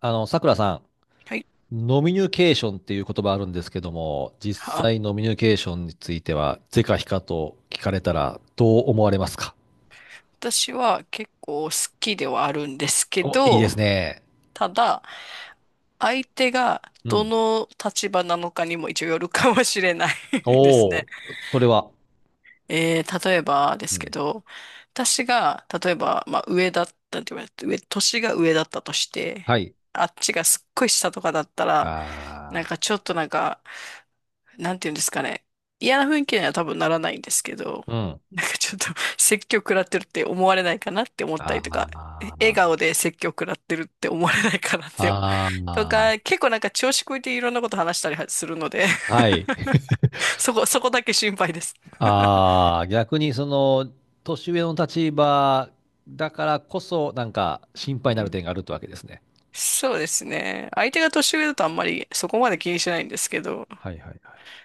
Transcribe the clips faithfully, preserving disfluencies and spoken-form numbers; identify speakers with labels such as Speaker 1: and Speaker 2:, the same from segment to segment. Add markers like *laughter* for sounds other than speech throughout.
Speaker 1: あの、さくらさ
Speaker 2: はい。
Speaker 1: ん、ノミニュケーションっていう言葉あるんですけども、実
Speaker 2: あ、
Speaker 1: 際ノミニュケーションについては、是か非かと聞かれたらどう思われますか？
Speaker 2: 私は結構好きではあるんですけ
Speaker 1: お、いいで
Speaker 2: ど、
Speaker 1: すね。
Speaker 2: ただ、相手が
Speaker 1: う
Speaker 2: ど
Speaker 1: ん。
Speaker 2: の立場なのかにも一応よるかもしれない *laughs* です
Speaker 1: お
Speaker 2: ね。
Speaker 1: お、それは。
Speaker 2: *laughs* えー、例えばで
Speaker 1: う
Speaker 2: すけ
Speaker 1: ん。
Speaker 2: ど、私が、例えば、まあ、上だったって言われて、上、年が上だったとして、
Speaker 1: はい。
Speaker 2: あっちがすっごい下とかだったら、なん
Speaker 1: あ
Speaker 2: かちょっとなんか、なんていうんですかね。嫌な雰囲気には多分ならないんですけど、
Speaker 1: あ、うん。
Speaker 2: なんかちょっと *laughs* 説教食らってるって思われないかなって思ったりとか、え
Speaker 1: あ
Speaker 2: 笑顔
Speaker 1: あ、
Speaker 2: で説教食らってるって思われないかなって、と
Speaker 1: あ
Speaker 2: か、結構なんか調子こいていろんなこと話したりはするので
Speaker 1: あ、はい。*laughs*
Speaker 2: *laughs* そこ、そこだけ心配です。
Speaker 1: ああ、逆にその、年上の立場だからこそ、なんか心配に
Speaker 2: う
Speaker 1: なる
Speaker 2: ん。
Speaker 1: 点があるってわけですね。
Speaker 2: そうですね。相手が年上だとあんまりそこまで気にしないんですけど、
Speaker 1: はいはいはい。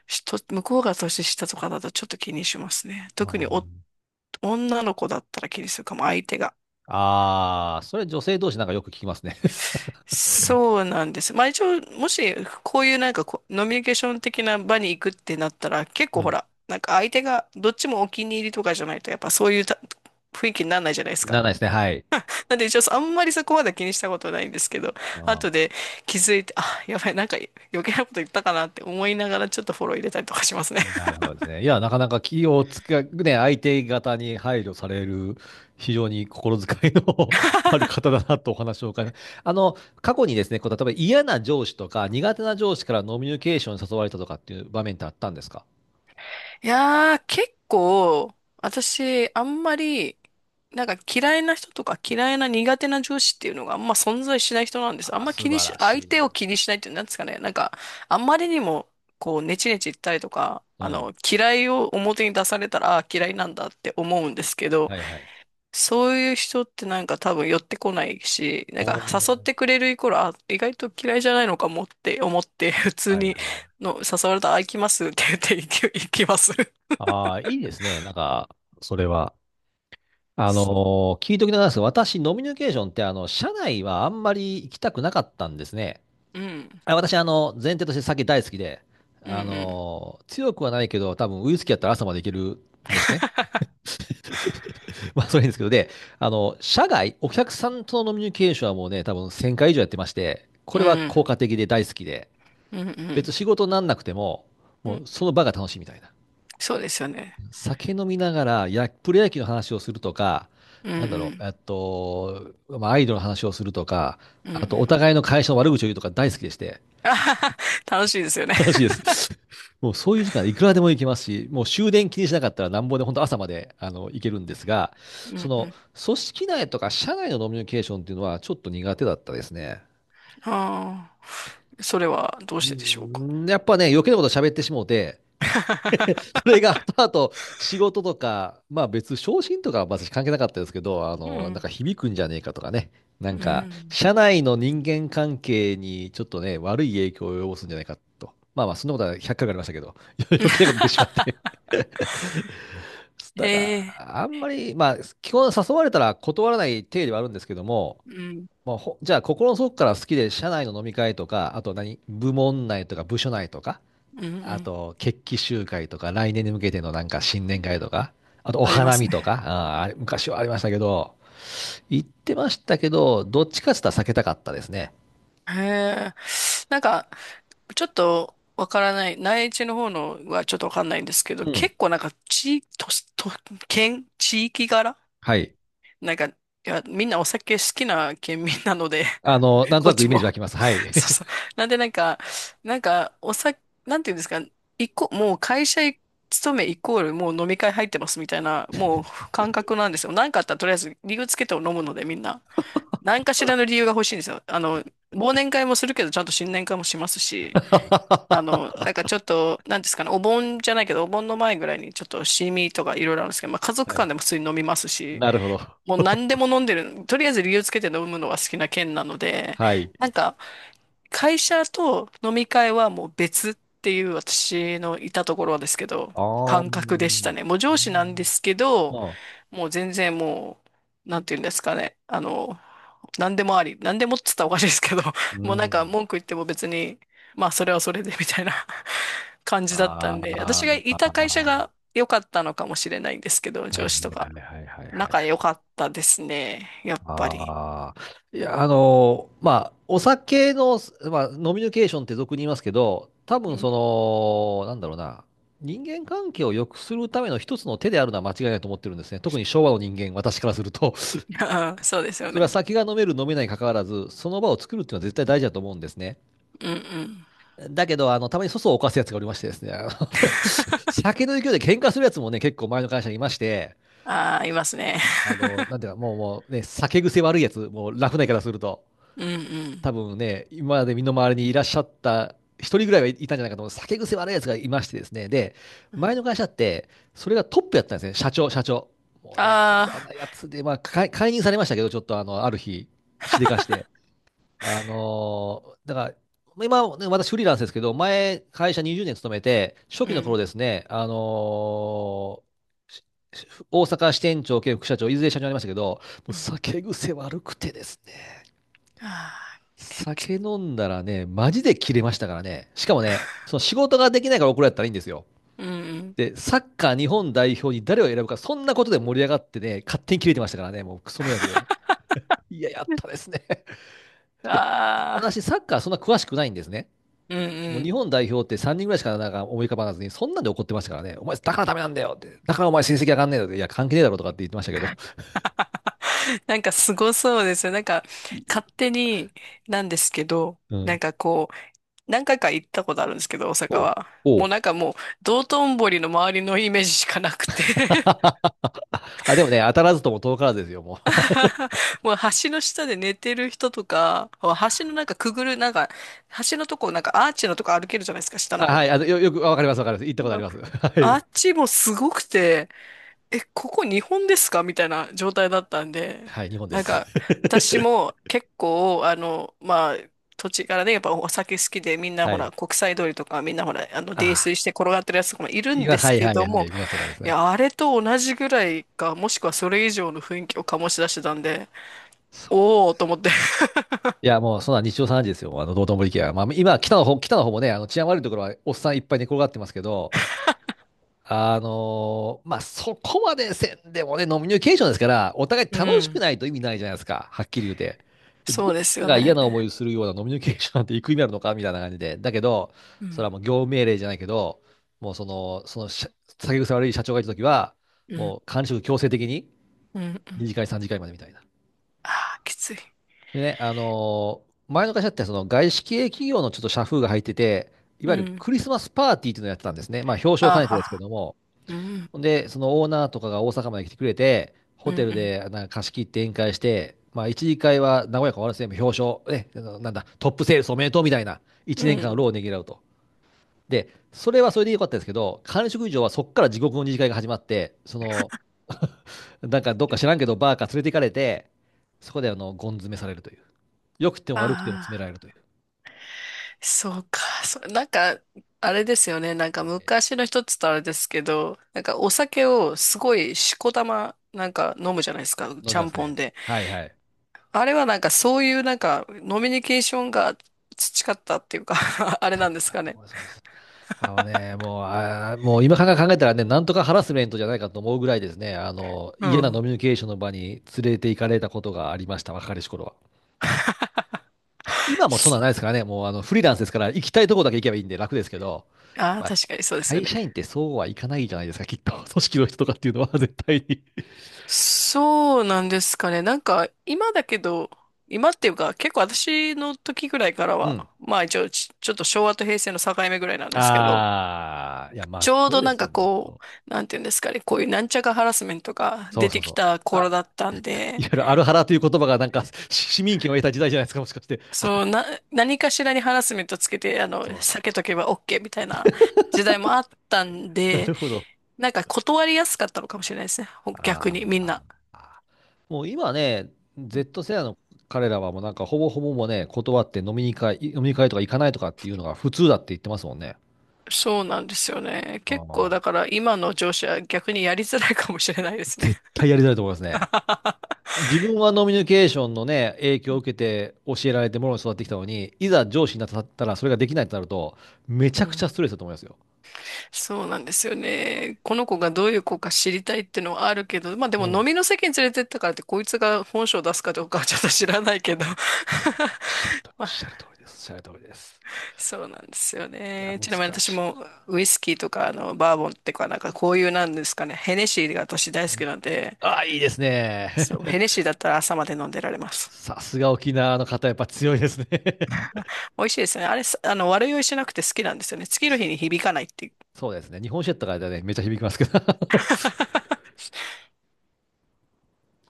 Speaker 2: しと向こうが年下とかだとちょっと気にしますね。
Speaker 1: あ
Speaker 2: 特に
Speaker 1: ー
Speaker 2: お女の子だったら気にするかも、相手が。
Speaker 1: ああ、それ女性同士なんかよく聞きますね。*laughs*
Speaker 2: そうなんです。まあ一応、もし、こういうなんかこう、ノミニケーション的な場に行くってなったら、結構
Speaker 1: う
Speaker 2: ほ
Speaker 1: ん。
Speaker 2: ら、なんか相手がどっちもお気に入りとかじゃないと、やっぱそういうた雰囲気にならないじゃないです
Speaker 1: なら
Speaker 2: か。
Speaker 1: ないですね。はい。
Speaker 2: *laughs* なんで一応、あんまりそこまで気にしたことないんですけど、
Speaker 1: あ
Speaker 2: 後で
Speaker 1: ー
Speaker 2: 気づいて、あ、やばい、なんか余計なこと言ったかなって思いながら、ちょっとフォロー入れたりとかしますね。
Speaker 1: なるほどですね。いや、なかなか気をつけ、ね、相手方に配慮される、非常に心遣いの *laughs* ある
Speaker 2: *laughs*
Speaker 1: 方だなとお話を伺いますあの、過去にですね、こう、例えば嫌な上司とか苦手な上司からノミュニケーションに誘われたとかっていう場面ってあったんですか？
Speaker 2: いやー、結構、私、あんまり、なんか嫌いな人とか嫌いな苦手な上司っていうのがあんま存在しない人なんです。あ
Speaker 1: あ
Speaker 2: ん
Speaker 1: ー、
Speaker 2: ま
Speaker 1: 素
Speaker 2: 気に
Speaker 1: 晴
Speaker 2: し、
Speaker 1: ら
Speaker 2: 相
Speaker 1: し
Speaker 2: 手を
Speaker 1: い。
Speaker 2: 気にしないっていうんですかね。なんか、あんまりにも、こう、ネチネチ言ったりとか、
Speaker 1: う
Speaker 2: あ
Speaker 1: ん。
Speaker 2: の、嫌いを表に出されたら、あー嫌いなんだって思うんですけど、
Speaker 1: はいはい。
Speaker 2: そういう人ってなんか多分寄ってこないし、なん
Speaker 1: お
Speaker 2: か誘って
Speaker 1: ー
Speaker 2: くれるイコール、あ、意外と嫌いじゃないのかもって思って、普通
Speaker 1: はい
Speaker 2: に
Speaker 1: はい。
Speaker 2: の誘われたら、あ、行きますって言って行き行きます。
Speaker 1: ああ、いいですね。なんか、それは。あ
Speaker 2: そう。
Speaker 1: のー聞いときながらですが、私、ノミニケーションって、あの、社内はあんまり行きたくなかったんですね。
Speaker 2: うん。
Speaker 1: あ、私、あの、前提として酒大好きで、
Speaker 2: うん
Speaker 1: あ
Speaker 2: うん。
Speaker 1: のー強くはないけど、多分ウイスキーやったら朝までいけるんですね。
Speaker 2: *laughs*
Speaker 1: *laughs* まあ、それいいんですけど、で、あの、社外、お客さんとのノミニケーションはもうね、多分せんかい以上やってまして、こ
Speaker 2: う
Speaker 1: れは
Speaker 2: ん。
Speaker 1: 効果的で大好きで、
Speaker 2: うんう
Speaker 1: 別
Speaker 2: ん
Speaker 1: に仕事になんなくても、
Speaker 2: う
Speaker 1: もう
Speaker 2: ん。
Speaker 1: その場が楽しいみたいな。
Speaker 2: そうですよね。
Speaker 1: 酒飲みながらや、プロ野球の話をするとか、
Speaker 2: うん
Speaker 1: なんだ
Speaker 2: う
Speaker 1: ろう、
Speaker 2: ん。
Speaker 1: えっと、まあ、アイドルの話をするとか、
Speaker 2: うんう
Speaker 1: あと、お
Speaker 2: ん。
Speaker 1: 互いの会社の悪口を言うとか大好きでして、
Speaker 2: あはは楽しいですよね。
Speaker 1: 楽しいです。*laughs* もうそういう時間いくらでも行けますし、もう終電気にしなかったらなんぼで本当朝まであの行けるんですが、
Speaker 2: う
Speaker 1: そ
Speaker 2: んう
Speaker 1: の
Speaker 2: ん。
Speaker 1: 組織内とか社内のノミニケーションっていうのはちょっと苦手だったですね。
Speaker 2: ああ。それはどう
Speaker 1: う
Speaker 2: してでしょうか。
Speaker 1: んやっぱね、余計なこと喋ってしもうて、*laughs* そ
Speaker 2: *laughs*
Speaker 1: れが後々仕事とか、まあ別、昇進とかは私関係なかったですけど、あ
Speaker 2: う
Speaker 1: の、なん
Speaker 2: ん。
Speaker 1: か響くんじゃねえかとかね、な
Speaker 2: う
Speaker 1: んか、
Speaker 2: ん。
Speaker 1: 社内の人間関係にちょっとね、悪い影響を及ぼすんじゃないかと。まあまあ、そんなことはひゃっかいありましたけど、*laughs* 余計なこと言ってしまって。
Speaker 2: *laughs*
Speaker 1: *laughs*
Speaker 2: へ
Speaker 1: だか
Speaker 2: え。
Speaker 1: ら、あんまり、まあ、基本誘われたら断らない体ではあるんですけども、
Speaker 2: うん。
Speaker 1: まあ、ほじゃあ、心の底から好きで、社内の飲み会とか、あと何、部門内とか部署内とか、
Speaker 2: うんう
Speaker 1: あ
Speaker 2: ん。
Speaker 1: と、決起集会とか、来年に向けてのなんか新年会とか、あとお
Speaker 2: ありま
Speaker 1: 花
Speaker 2: す
Speaker 1: 見と
Speaker 2: ね。
Speaker 1: か、あーあれ昔はありましたけど、行ってましたけど、どっちかって言ったら避けたかったですね。
Speaker 2: へえ。なんか、ちょっとわからない、内地の方のはちょっとわかんないんですけど、
Speaker 1: うん。
Speaker 2: 結構なんか地、と、と、県、地域柄
Speaker 1: はい。
Speaker 2: なんか、いや、みんなお酒好きな県民なので、
Speaker 1: あ
Speaker 2: *laughs*
Speaker 1: の、なんと
Speaker 2: こっ
Speaker 1: なく
Speaker 2: ち
Speaker 1: イメー
Speaker 2: も。
Speaker 1: ジ湧きます。はい。
Speaker 2: *laughs* そうそう。なんでなんか、なんか、お酒、なんていうんですか、一個、もう会社勤めイコールもう飲み会入ってますみたいな、もう感覚なんですよ。なんかあったらとりあえず理由つけて飲むのでみんな。何かしらの理由が欲しいんですよ。あの、忘年会もするけど、ちゃんと新年会もしますし、あ
Speaker 1: *laughs*
Speaker 2: の、なんかちょっと、なんですかね、お盆じゃないけど、お盆の前ぐらいにちょっとシミとかいろいろあるんですけど、まあ家族
Speaker 1: はい。
Speaker 2: 間でも普通に飲みますし、
Speaker 1: なるほど。
Speaker 2: もう何でも飲んでる、とりあえず理由つけて飲むのは好きな県なので、
Speaker 1: はい。
Speaker 2: なんか会社と飲み会はもう別っていう私のいたところですけど、
Speaker 1: ああ、
Speaker 2: 感覚でしたね。もう上司なんですけど、
Speaker 1: ああ、
Speaker 2: もう全然もう、なんていうんですかね、あの、何でもあり、何でもっつったらおかしいですけど、
Speaker 1: う
Speaker 2: *laughs* もうなんか
Speaker 1: ん。
Speaker 2: 文句言っても別に、まあそれはそれでみたいな *laughs* 感じだったんで、
Speaker 1: あ
Speaker 2: 私がいた会社
Speaker 1: あ、
Speaker 2: が良かったのかもしれないんですけど、
Speaker 1: は
Speaker 2: 上
Speaker 1: い
Speaker 2: 司と
Speaker 1: は
Speaker 2: か。
Speaker 1: いはいはいはいはい
Speaker 2: 仲
Speaker 1: は
Speaker 2: 良
Speaker 1: い。
Speaker 2: かったですね。やっぱり。
Speaker 1: ああ、いや、あの、まあ、お酒の、まあ、飲みニケーションって俗に言いますけど、多分
Speaker 2: うん。
Speaker 1: その、なんだろうな、人間関係を良くするための一つの手であるのは間違いないと思ってるんですね。特に昭和の人間、私からすると、
Speaker 2: *laughs* そうです
Speaker 1: *laughs*
Speaker 2: よ
Speaker 1: それは
Speaker 2: ね。
Speaker 1: 酒が飲める、飲めないに関わらず、その場を作るっていうのは絶対大事だと思うんですね。
Speaker 2: うんうん。
Speaker 1: だけど、あの、たまに粗相を犯すやつがおりましてですね、あの *laughs*
Speaker 2: *laughs*
Speaker 1: 酒の勢いで喧嘩するやつもね、結構前の会社にいまして、
Speaker 2: ああ、いますね。
Speaker 1: あの、
Speaker 2: *laughs*
Speaker 1: なんていうか、もう、もうね、酒癖悪いやつ、もう、ラフな言い方すると。
Speaker 2: うんうん。
Speaker 1: 多分ね、今まで身の回りにいらっしゃった一人ぐらいはいたんじゃないかと思う。酒癖悪いやつがいましてですね。で、前の会社って、それがトップやったんですね。社長、社長。もうね、
Speaker 2: あ
Speaker 1: 嫌
Speaker 2: あ、
Speaker 1: なやつで、まあ、解解任されましたけど、ちょっとあの、ある日、しでかして。あのーだから、今、ね、私フリーランスですけど、前、会社にじゅうねん勤めて、初期
Speaker 2: う
Speaker 1: の
Speaker 2: ん。
Speaker 1: 頃ですね、あのーしし大阪支店長兼副社長、いずれ社長になりましたけど、もう
Speaker 2: うん
Speaker 1: 酒癖悪くてですね。
Speaker 2: あ
Speaker 1: 酒飲んだらね、マジで切れましたからね。しかもね、
Speaker 2: あ
Speaker 1: その仕事ができないから怒られたらいいんですよ。
Speaker 2: *laughs* うんうん。
Speaker 1: で、サッカー日本代表に誰を選ぶか、そんなことで盛り上がってね、勝手に切れてましたからね、もうクソ迷惑で。いや、やったですね。*laughs* で、
Speaker 2: ああ、
Speaker 1: 私、サッカーそんな詳しくないんですね。
Speaker 2: うん
Speaker 1: も
Speaker 2: う
Speaker 1: う日
Speaker 2: ん。
Speaker 1: 本代表ってさんにんぐらいしかなんか思い浮かばなずに、そんなんで怒ってましたからね、お前、だからダメなんだよって、だからお前成績上がんねえだろって、いや、関係ねえだろとかって言ってましたけど。
Speaker 2: なんかすごそうですよ。なんか勝手になんですけど、
Speaker 1: *laughs* う
Speaker 2: なん
Speaker 1: ん。
Speaker 2: かこう、何回か行ったことあるんですけど、大阪
Speaker 1: おう。
Speaker 2: は。
Speaker 1: お
Speaker 2: もう
Speaker 1: う
Speaker 2: なんかもう、道頓堀の周りのイメージしかなくて
Speaker 1: *laughs*。あ、でもね、当たらずとも遠からずですよ、もう。
Speaker 2: *laughs* もう橋の下で寝てる人とか、橋のなんかくぐる、なんか、橋のとこ、なんかアーチのとこ歩けるじゃないですか、下
Speaker 1: あ、
Speaker 2: の
Speaker 1: は
Speaker 2: 方。
Speaker 1: い、あの、よ、*laughs* よく、あわかります、わかります。行ったことあ
Speaker 2: う
Speaker 1: り
Speaker 2: ん
Speaker 1: ます。*laughs* は
Speaker 2: あ
Speaker 1: い。
Speaker 2: っちもすごくて、え、ここ日本ですかみたいな状態だったんで、
Speaker 1: はい、日本で
Speaker 2: なん
Speaker 1: す。
Speaker 2: か、
Speaker 1: *laughs*
Speaker 2: 私も結構、あの、まあ、土地からね、やっぱお酒好きで、みんなほ
Speaker 1: は
Speaker 2: ら、
Speaker 1: い。
Speaker 2: 国際通りとか、みんなほら、あの、泥
Speaker 1: ああ、
Speaker 2: 酔して転がってるやつとかもいるん
Speaker 1: 今、
Speaker 2: です
Speaker 1: はい、
Speaker 2: け
Speaker 1: はい、
Speaker 2: ど
Speaker 1: は
Speaker 2: も、
Speaker 1: い、見ました、わかります
Speaker 2: い
Speaker 1: ね。
Speaker 2: や、あれと同じぐらいか、もしくはそれ以上の雰囲気を醸し出してたんで、
Speaker 1: そう。
Speaker 2: おーと思って。*laughs*
Speaker 1: いや、もう、そんな日常茶飯事ですよ、あの、道頓堀駅は。まあ、今、北の方、北の方もね、あの、治安悪いところは、おっさんいっぱい寝転がってますけど、あのーまあ、そこまでせんでもね、ノミニケーションですから、お互い
Speaker 2: う
Speaker 1: 楽しく
Speaker 2: ん。
Speaker 1: ないと意味ないじゃないですか、はっきり言うて。ど
Speaker 2: そう
Speaker 1: っ
Speaker 2: です
Speaker 1: ち
Speaker 2: よ
Speaker 1: が嫌
Speaker 2: ね。
Speaker 1: な思いをするようなノミニケーションなんていく意味あるのかみたいな感じで。だけど、
Speaker 2: う
Speaker 1: それは
Speaker 2: ん。
Speaker 1: もう業務命令じゃないけど、もうその、その社、酒癖悪い社長がいたときは、
Speaker 2: うん。
Speaker 1: もう管理職強制的に
Speaker 2: うん。う
Speaker 1: に
Speaker 2: ん。
Speaker 1: 次会、さん次会までみたいな。
Speaker 2: ああ、きつい。
Speaker 1: でね、あのー前の会社ってその外資系企業のちょっと社風が入ってて、い
Speaker 2: う
Speaker 1: わゆる
Speaker 2: ん。
Speaker 1: クリスマスパーティーっていうのをやってたんですね。まあ表彰を
Speaker 2: あー
Speaker 1: 兼ねて
Speaker 2: は
Speaker 1: ですけ
Speaker 2: は。
Speaker 1: ども、
Speaker 2: うん。
Speaker 1: ほんで、そのオーナーとかが大阪まで来てくれて、
Speaker 2: う
Speaker 1: ホテル
Speaker 2: ん。
Speaker 1: でなんか貸し切って宴会して、まあ、一次会は和やか終わらせて、表彰、ね、あのなんだ、トップセールスおめでとうみたいな、
Speaker 2: う
Speaker 1: 1
Speaker 2: ん。
Speaker 1: 年
Speaker 2: う
Speaker 1: 間の
Speaker 2: ん。
Speaker 1: 労をねぎらうと。で、それはそれでよかったですけど、管理職以上はそこから地獄の二次会が始まって、その、なんかどっか知らんけど、バーか連れて行かれて、そこであの、ゴン詰めされるという。良くても
Speaker 2: あ
Speaker 1: 悪くても詰められ
Speaker 2: あ、
Speaker 1: るという。
Speaker 2: そうか。そなんか、あれですよね。なんか
Speaker 1: 伸び
Speaker 2: 昔の人っつったらあれですけど、なんかお酒をすごいしこたま、なんか飲むじゃないですか。
Speaker 1: 飲
Speaker 2: ち
Speaker 1: み
Speaker 2: ゃ
Speaker 1: ま
Speaker 2: ん
Speaker 1: す
Speaker 2: ぽ
Speaker 1: ね。
Speaker 2: んで。
Speaker 1: はいはい。
Speaker 2: あれはなんかそういうなんか、ノミニケーションが培ったっていうか *laughs* あれ
Speaker 1: 多
Speaker 2: な
Speaker 1: 分
Speaker 2: んです
Speaker 1: そうだ
Speaker 2: か
Speaker 1: と
Speaker 2: ね。
Speaker 1: 思います。あのね、もう、あー、もう今から考えたらね、なんとかハラスメントじゃないかと思うぐらいですね、あの、
Speaker 2: う
Speaker 1: 嫌なノ
Speaker 2: ん。
Speaker 1: ミニケーションの場に連れて行かれたことがありました、若かりし頃は。今もそんなんないですからね、もうあの、フリーランスですから、行きたいとこだけ行けばいいんで楽ですけど、
Speaker 2: ああ、
Speaker 1: まあ、
Speaker 2: 確かにそうですよ
Speaker 1: 会
Speaker 2: ね。
Speaker 1: 社員ってそうはいかないじゃないですか、きっと。*laughs* 組織の人とかっていうのは絶対に。
Speaker 2: そうなんですかね。なんか、今だけど、今っていうか、結構私の時ぐらいから
Speaker 1: うん。
Speaker 2: は、まあ一応ち、ちょっと昭和と平成の境目ぐらいなんですけど、
Speaker 1: ああ、いや、まっ
Speaker 2: ちょう
Speaker 1: とう
Speaker 2: ど
Speaker 1: で
Speaker 2: なん
Speaker 1: す
Speaker 2: か
Speaker 1: よ、まっと
Speaker 2: こ
Speaker 1: う。
Speaker 2: う、なんていうんですかね、こういうなんちゃかハラスメントが
Speaker 1: そう
Speaker 2: 出
Speaker 1: そ
Speaker 2: て
Speaker 1: う
Speaker 2: き
Speaker 1: そ
Speaker 2: た
Speaker 1: う。あ、
Speaker 2: 頃だったん
Speaker 1: い
Speaker 2: で、
Speaker 1: わゆるアルハラという言葉がなんか、し市民権を得た時代じゃないですか、もしかして。
Speaker 2: そう、な、何かしらにハラスメントつけて、あの、
Speaker 1: そうそ
Speaker 2: 避けと
Speaker 1: う。
Speaker 2: けば オーケー みたいな時代もあったん
Speaker 1: な
Speaker 2: で、
Speaker 1: るほど。
Speaker 2: なんか断りやすかったのかもしれないですね。ほ逆
Speaker 1: あ
Speaker 2: にみん
Speaker 1: あ。
Speaker 2: な。
Speaker 1: もう今ね、ゼット 世代の彼らはもうなんかほぼほぼもうね、断って飲みに会、飲みに会とか行かないとかっていうのが普通だって言ってますもんね。
Speaker 2: そうなんですよね。
Speaker 1: あ
Speaker 2: 結構
Speaker 1: あ、
Speaker 2: だから今の上司は逆にやりづらいかもしれないですね。
Speaker 1: 絶対やりづらいと思いますね。
Speaker 2: *laughs*
Speaker 1: 自分はノミニケーションのね、影響を受けて教えられてものに育ってきたのに、いざ上司になったらそれができないとなると、め
Speaker 2: う
Speaker 1: ちゃくちゃス
Speaker 2: ん、
Speaker 1: トレスだと思いますよ。
Speaker 2: そうなんですよね。この子がどういう子か知りたいっていうのはあるけど、まあで
Speaker 1: う
Speaker 2: も飲
Speaker 1: ん。
Speaker 2: みの席に連れてったからってこいつが本性を出すかどうかはちょっと知らないけど。
Speaker 1: えーおっしゃると、
Speaker 2: *laughs*
Speaker 1: お
Speaker 2: ま
Speaker 1: っ
Speaker 2: あ、
Speaker 1: しゃる通りです。おっしゃる通りです。
Speaker 2: そうなんですよ
Speaker 1: いや、
Speaker 2: ね。
Speaker 1: 難
Speaker 2: ちなみに私
Speaker 1: しい。
Speaker 2: もウイスキーとかあのバーボンっていうかなんかこういうなんですかね、ヘネシーが私大
Speaker 1: は
Speaker 2: 好き
Speaker 1: い、
Speaker 2: なんで、
Speaker 1: ああ、いいですね。
Speaker 2: そう、ヘネシーだったら朝まで飲んでられま
Speaker 1: *laughs*
Speaker 2: す。
Speaker 1: さすが沖縄の方、やっぱ強いですね。
Speaker 2: 美味しいですね。あれ、すあの、悪酔いしなくて好きなんですよね。次の日に響かないっていう。
Speaker 1: そうですね。日本酒やったからね、めっちゃ響きますけど。*laughs*
Speaker 2: *laughs*